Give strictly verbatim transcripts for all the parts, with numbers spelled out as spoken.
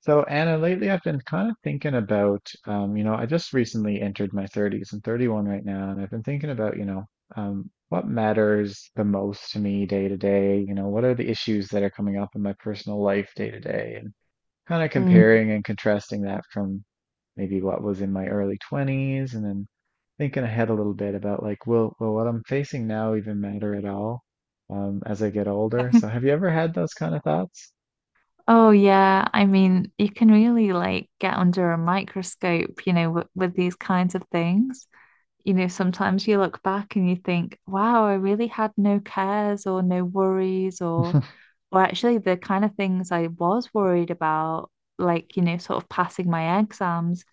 So Anna, lately I've been kind of thinking about, um, you know, I just recently entered my thirties. I'm thirty-one right now, and I've been thinking about, you know, um, what matters the most to me day to day. You know, what are the issues that are coming up in my personal life day to day, and kind of Mm. comparing and contrasting that from maybe what was in my early twenties, and then thinking ahead a little bit about like, will, will what I'm facing now even matter at all, um, as I get older? So have you ever had those kind of thoughts? Oh yeah, I mean, you can really like get under a microscope, you know, with, with these kinds of things. You know, sometimes you look back and you think, wow, I really had no cares or no worries or or actually the kind of things I was worried about, like, you know, sort of passing my exams,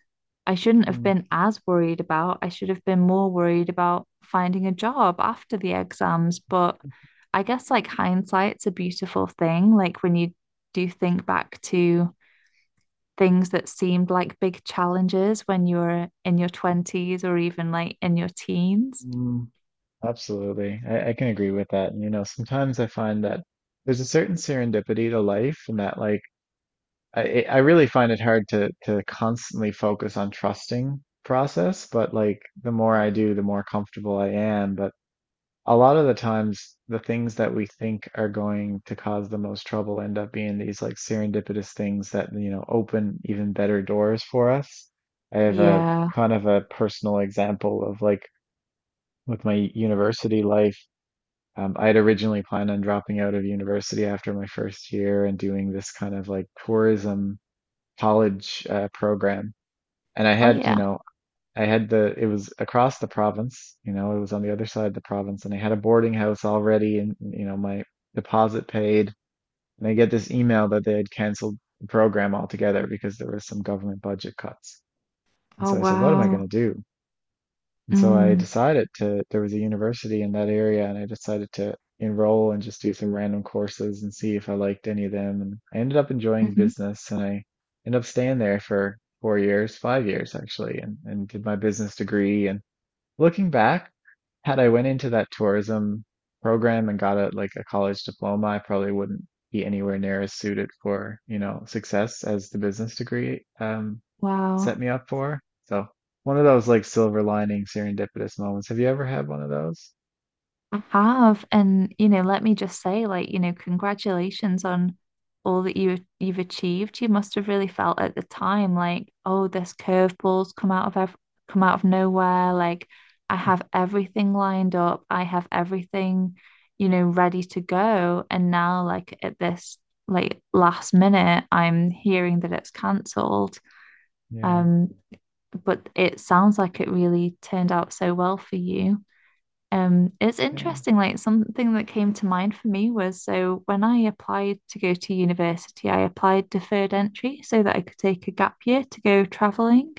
I shouldn't have been as worried about. I should have been more worried about finding a job after the exams. But I guess like hindsight's a beautiful thing. Like when you do think back to things that seemed like big challenges when you were in your twenties or even like in your teens. Mhm. Mm, absolutely. I, I can agree with that. And, you know, sometimes I find that there's a certain serendipity to life and that like I I I really find it hard to to constantly focus on trusting process, but like the more I do, the Mm. more comfortable I am. But a lot of the times the things that we think are going to cause the most trouble end up being these like serendipitous things that you know open even better doors for us. I have a Yeah. kind of a personal example of like with my university life. Um, I had originally planned on dropping out of university after my first year and doing this kind of like tourism college uh, program. And I Oh, had, you yeah. know, I had the it was across the province, you know, it was on the other side of the province, and I had a boarding house already and you know, my deposit paid. And I get this email that they had canceled the program altogether because there was some government budget cuts. And Oh, so I said, what am I wow. going to do? And so I Mm. decided to, there was a university in that area and I decided to enroll and just do some random courses and see if I liked any of them. And I ended up enjoying hmm business and I ended up staying there for four years, five years actually, and, and did my business degree and looking back, had I went into that tourism program and got a like a college diploma, I probably wouldn't be anywhere near as suited for, you know, success as the business degree um set Wow. me up for. So one of those like silver lining serendipitous moments. Have you ever had one of those? I have, and you know, let me just say, like, you know, congratulations on all that you you've achieved. You must have really felt at the time, like, oh, this curveball's come out of ev come out of nowhere. Like, I have everything lined up. I have everything, you know, ready to go. And now, like, at this like last minute, I'm hearing that it's cancelled. Yeah. Um, but it sounds like it really turned out so well for you. Um, it's Yeah. interesting, like something that came to mind for me was so when I applied to go to university, I applied deferred entry so that I could take a gap year to go traveling.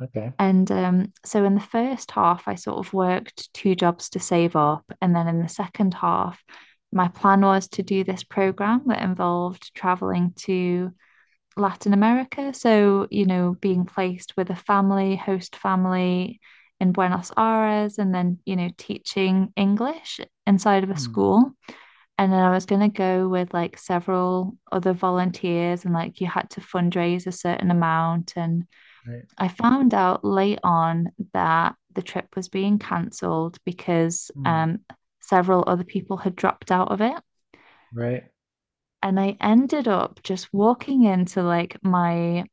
Okay. And um, so in the first half, I sort of worked two jobs to save up. And then in the second half, my plan was to do this program that involved traveling to Latin America. So, you know, being placed with a family, host family in Buenos Aires, and then, you know, teaching English inside of a Hmm. school. And then I was going to go with like several other volunteers, and like you had to fundraise a certain amount. And Right. I found out late on that the trip was being cancelled because Hmm. um, several other people had dropped out of it. Right. And I ended up just walking into like my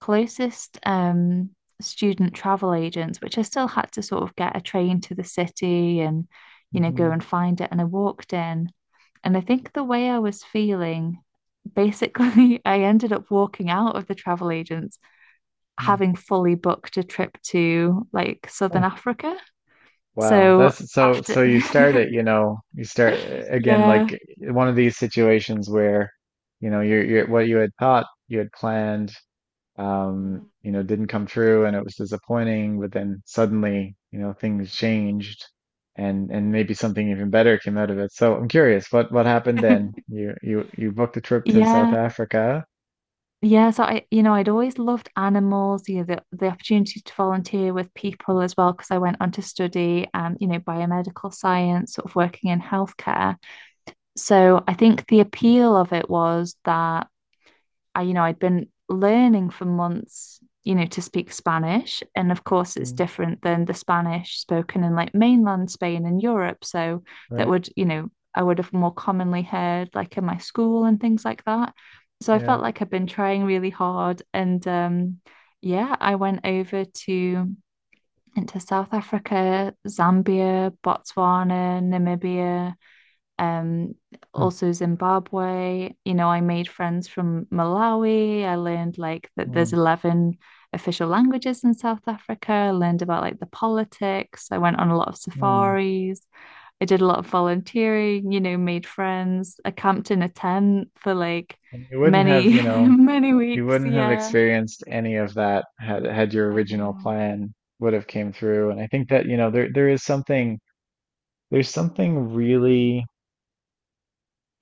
closest um, student travel agents, which I still had to sort of get a train to the city and, you know, go Mm-hmm. and find it. And I walked in, and I think the way I was feeling, basically, I ended up walking out of the travel agents having fully booked a trip to like Southern Africa. Wow, So that's so after, so you start it, you know, you start again yeah, like one of these situations where, you know, you're, you're what you had thought you had planned, um, you know, didn't come true and it was disappointing, but then suddenly, you know, things changed and and maybe something even better came out of it. So I'm curious, what what happened then? You you you booked a trip to South yeah. Africa, Yeah, so I, you know, I'd always loved animals, you know, the, the opportunity to volunteer with people as well, because I went on to study, um, you know, biomedical science, sort of working in healthcare. So I think the appeal of it was that I, you know, I'd been learning for months, you know, to speak Spanish. And of course, it's Mm, different than the Spanish spoken in like mainland Spain and Europe. So that right? would, you know, I would have more commonly heard like in my school and things like that. So I Yeah. felt like I've been trying really hard. And um, yeah, I went over to into South Africa, Zambia, Botswana, Namibia, um, Mm, also Zimbabwe. You know, I made friends from Malawi. I learned like that there's mm, eleven official languages in South Africa. I learned about like the politics. I went on a lot of mm. safaris. I did a lot of volunteering, you know, made friends. I camped in a tent for like And you wouldn't many, have, you know, many You weeks. wouldn't have Yeah, experienced any of that had had your I original know. plan would have came through. And I think that, you know, there there is something there's something really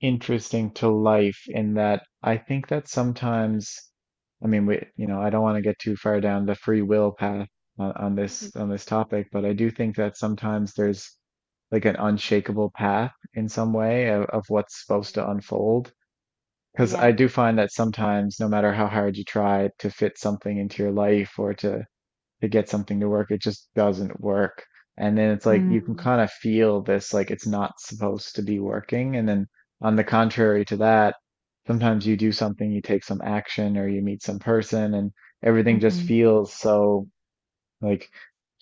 interesting to life in that I think that sometimes I mean we you know, I don't want to get too far down the free will path on, on this Mhm. on this topic, but I do think that sometimes there's like an unshakable path in some way of, of what's supposed to unfold. Because I Yeah. do find that sometimes, no matter how hard you try to fit something into your life or to to get something to work, it just doesn't work. And then it's like you can Mm. kind of feel this, like it's not supposed to be working. And then on the contrary to that, sometimes you do something, you take some action or you meet some person and everything just hmm feels so like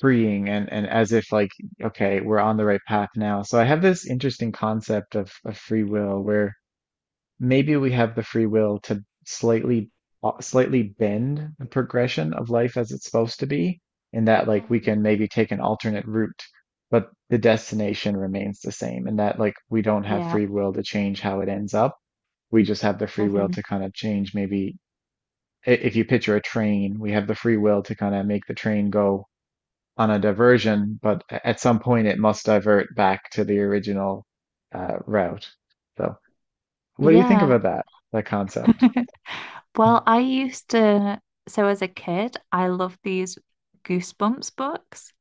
freeing and, and as if like, okay, we're on the right path now. So I have this interesting concept of, of free will where maybe we have the free will to slightly uh, slightly bend the progression of life as it's supposed to be in that like we can Mhm. maybe take an alternate route but the destination remains the same and that like we don't have Yeah. free will to change how it ends up. We just have the free will Mhm. to kind of change maybe i- if you picture a train we have the free will to kind of make the train go on a diversion but a- at some point it must divert back to the original uh, route. So what do you think Yeah. about that that concept? Well, I used to, so as a kid, I loved these Goosebumps books.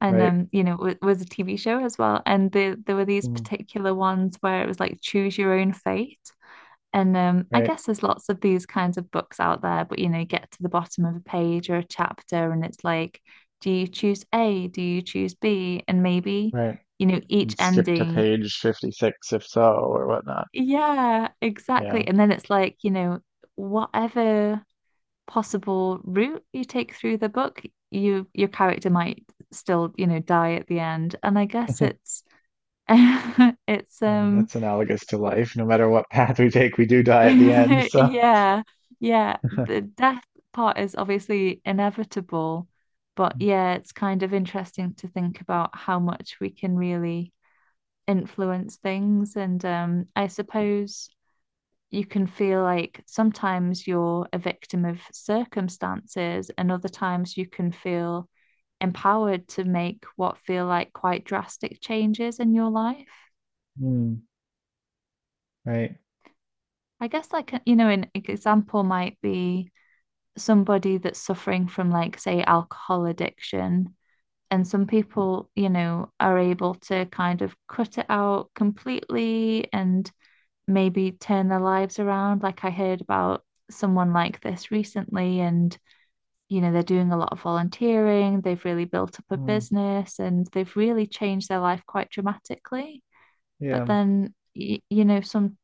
And Right. um, you know, it was a T V show as well. And there, there were these Mm, particular ones where it was like choose your own fate. And um, I Right. guess there's lots of these kinds of books out there, but you know, you get to the bottom of a page or a chapter, and it's like, do you choose A? Do you choose B? And maybe, Right. you know, each And skip to ending. page fifty-six if so, or whatnot. Yeah, Yeah. exactly. And then it's like, you know, whatever possible route you take through the book, you your character might still, you know, die at the end. And I guess it's it's Well, um that's analogous to life. No matter what path we take, we do die at the end. So, yeah, yeah, the death part is obviously inevitable, but yeah, it's kind of interesting to think about how much we can really influence things, and um I suppose you can feel like sometimes you're a victim of circumstances, and other times you can feel empowered to make what feel like quite drastic changes in your life. mm, right. I guess, like, uh, you know, an example might be somebody that's suffering from, like, say, alcohol addiction. And some people, you know, are able to kind of cut it out completely and maybe turn their lives around. Like I heard about someone like this recently, and you know, they're doing a lot of volunteering, they've really built up a Mm, business and they've really changed their life quite dramatically. But yeah. then, you, you know, some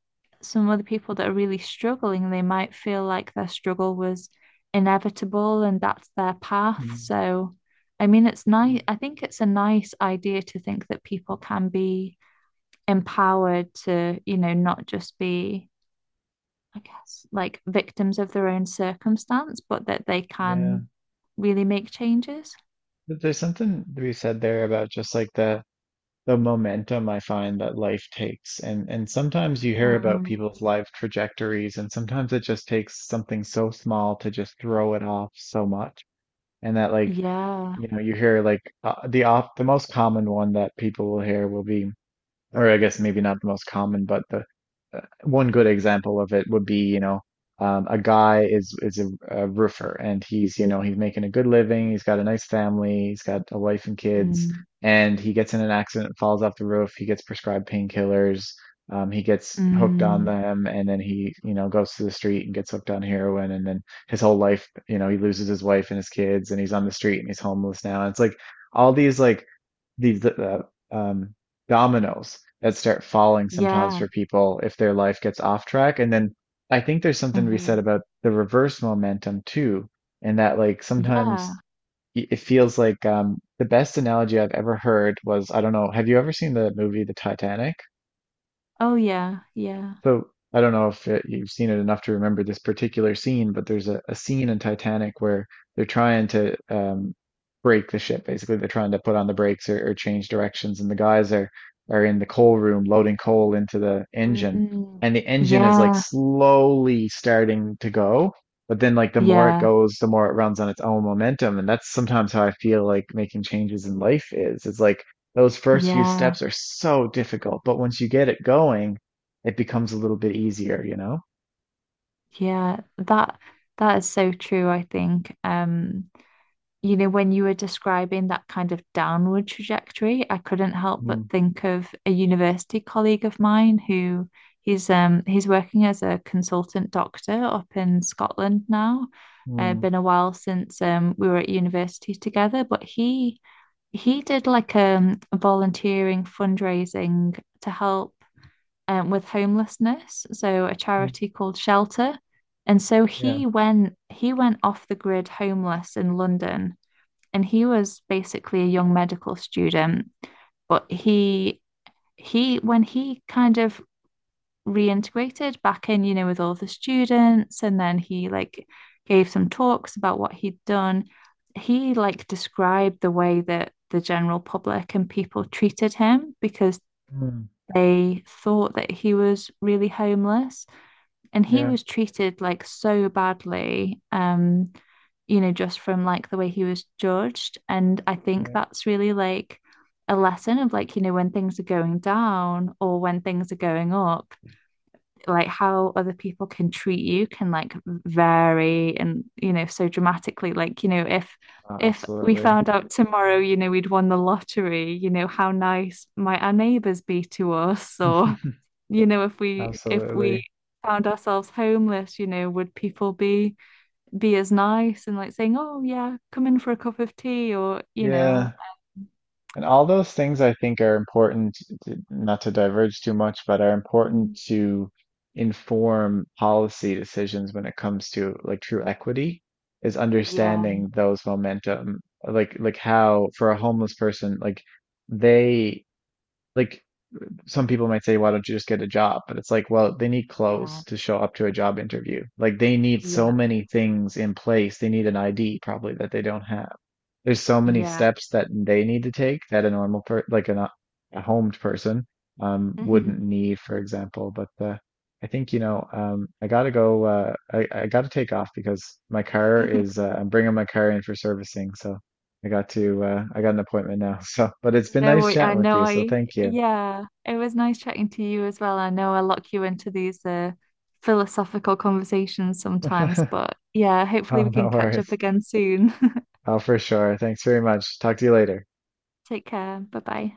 some other people that are really struggling, they might feel like their struggle was inevitable and that's their path. Mm, So, I mean, it's yeah. nice. I think it's a nice idea to think that people can be empowered to, you know, not just be I guess, like victims of their own circumstance, but that they Yeah. can really make changes. But there's something to be said there about just like the the momentum I find that life takes. And and sometimes you hear about Mm. people's life trajectories, and sometimes it just takes something so small to just throw it off so much. And that like Yeah. you know, you hear like uh, the op the most common one that people will hear will be or I guess maybe not the most common, but the uh, one good example of it would be, you know, um, a guy is is a, a roofer and he's, you know, he's making a good living, he's got a nice family, he's got a wife and kids, Mm. and he gets in an accident, falls off the roof, he gets prescribed painkillers, um, he gets hooked on Mm. them, and then he, you know, goes to the street and gets hooked on heroin, and then his whole life, you know, he loses his wife and his kids, and he's on the street and he's homeless now. And it's like all these like these uh, um, dominoes that start falling sometimes Yeah. for people if their life gets off track. And then I think there's something to be said hmm about the reverse momentum too, and that like Yeah. sometimes y- it feels like um, the best analogy I've ever heard was I don't know, have you ever seen the movie The Titanic? Oh, yeah. Yeah. So I don't know if uh you've seen it enough to remember this particular scene, but there's a, a scene in Titanic where they're trying to um, brake the ship. Basically, they're trying to put on the brakes or, or change directions, and the guys are are in the coal room loading coal into the Mm. engine, Mm. and the engine is like Yeah. slowly starting to go. But then, like the more it Yeah. goes, the more it runs on its own momentum, and that's sometimes how I feel like making changes in life is. It's like those first few Yeah. steps are so difficult, but once you get it going it becomes a little bit easier, you know? Yeah. That that is so true, I think. Um, you know, when you were describing that kind of downward trajectory, I couldn't help but Mm, think of a university colleague of mine who he's um he's working as a consultant doctor up in Scotland now. Uh, mm, Been a while since um we were at university together, but he he did like um volunteering, fundraising to help um with homelessness, so a mm, charity called Shelter. And so yeah, he went he went off the grid, homeless in London, and he was basically a young medical student, but he he when he kind of reintegrated back in, you know, with all the students, and then he like gave some talks about what he'd done. He like described the way that the general public and people treated him because mm, they thought that he was really homeless, and he yeah, was treated like so badly, um you know, just from like the way he was judged. And I think right. that's really like a lesson of like, you know, when things are going down or when things are going up, like how other people can treat you can like vary, and you know, so dramatically, like, you know, if Uh, if we Absolutely. found out tomorrow, you know, we'd won the lottery, you know, how nice might our neighbors be to us? Or, you know, if we if we Absolutely. found ourselves homeless, you know, would people be be as nice and like saying, "Oh yeah, come in for a cup of tea," or you know, Yeah. And all those things I think are important, to, not to diverge too much, but are important Mm. to inform policy decisions when it comes to like true equity, is Yeah, understanding those momentum, like like how for a homeless person, like they like some people might say, why don't you just get a job? But it's like, well, they need yeah, clothes to show up to a job interview. Like they need so yeah, many things in place. They need an I D probably that they don't have. There's so many yeah. steps that they need to take that a normal per like an, a homed person um Mhm. wouldn't need, for example. But uh, I think you know um I gotta go. Uh, I I gotta take off because my car is. Uh, I'm bringing my car in for servicing, so. I got to, uh, I got an appointment now. So, but it's been No, nice I I chatting with know you. So I, thank you. yeah, it was nice chatting to you as well. I know I lock you into these uh, philosophical conversations sometimes, but yeah, hopefully Oh, we no can catch up worries. again soon. Oh, for sure. Thanks very much. Talk to you later. Take care. Bye bye.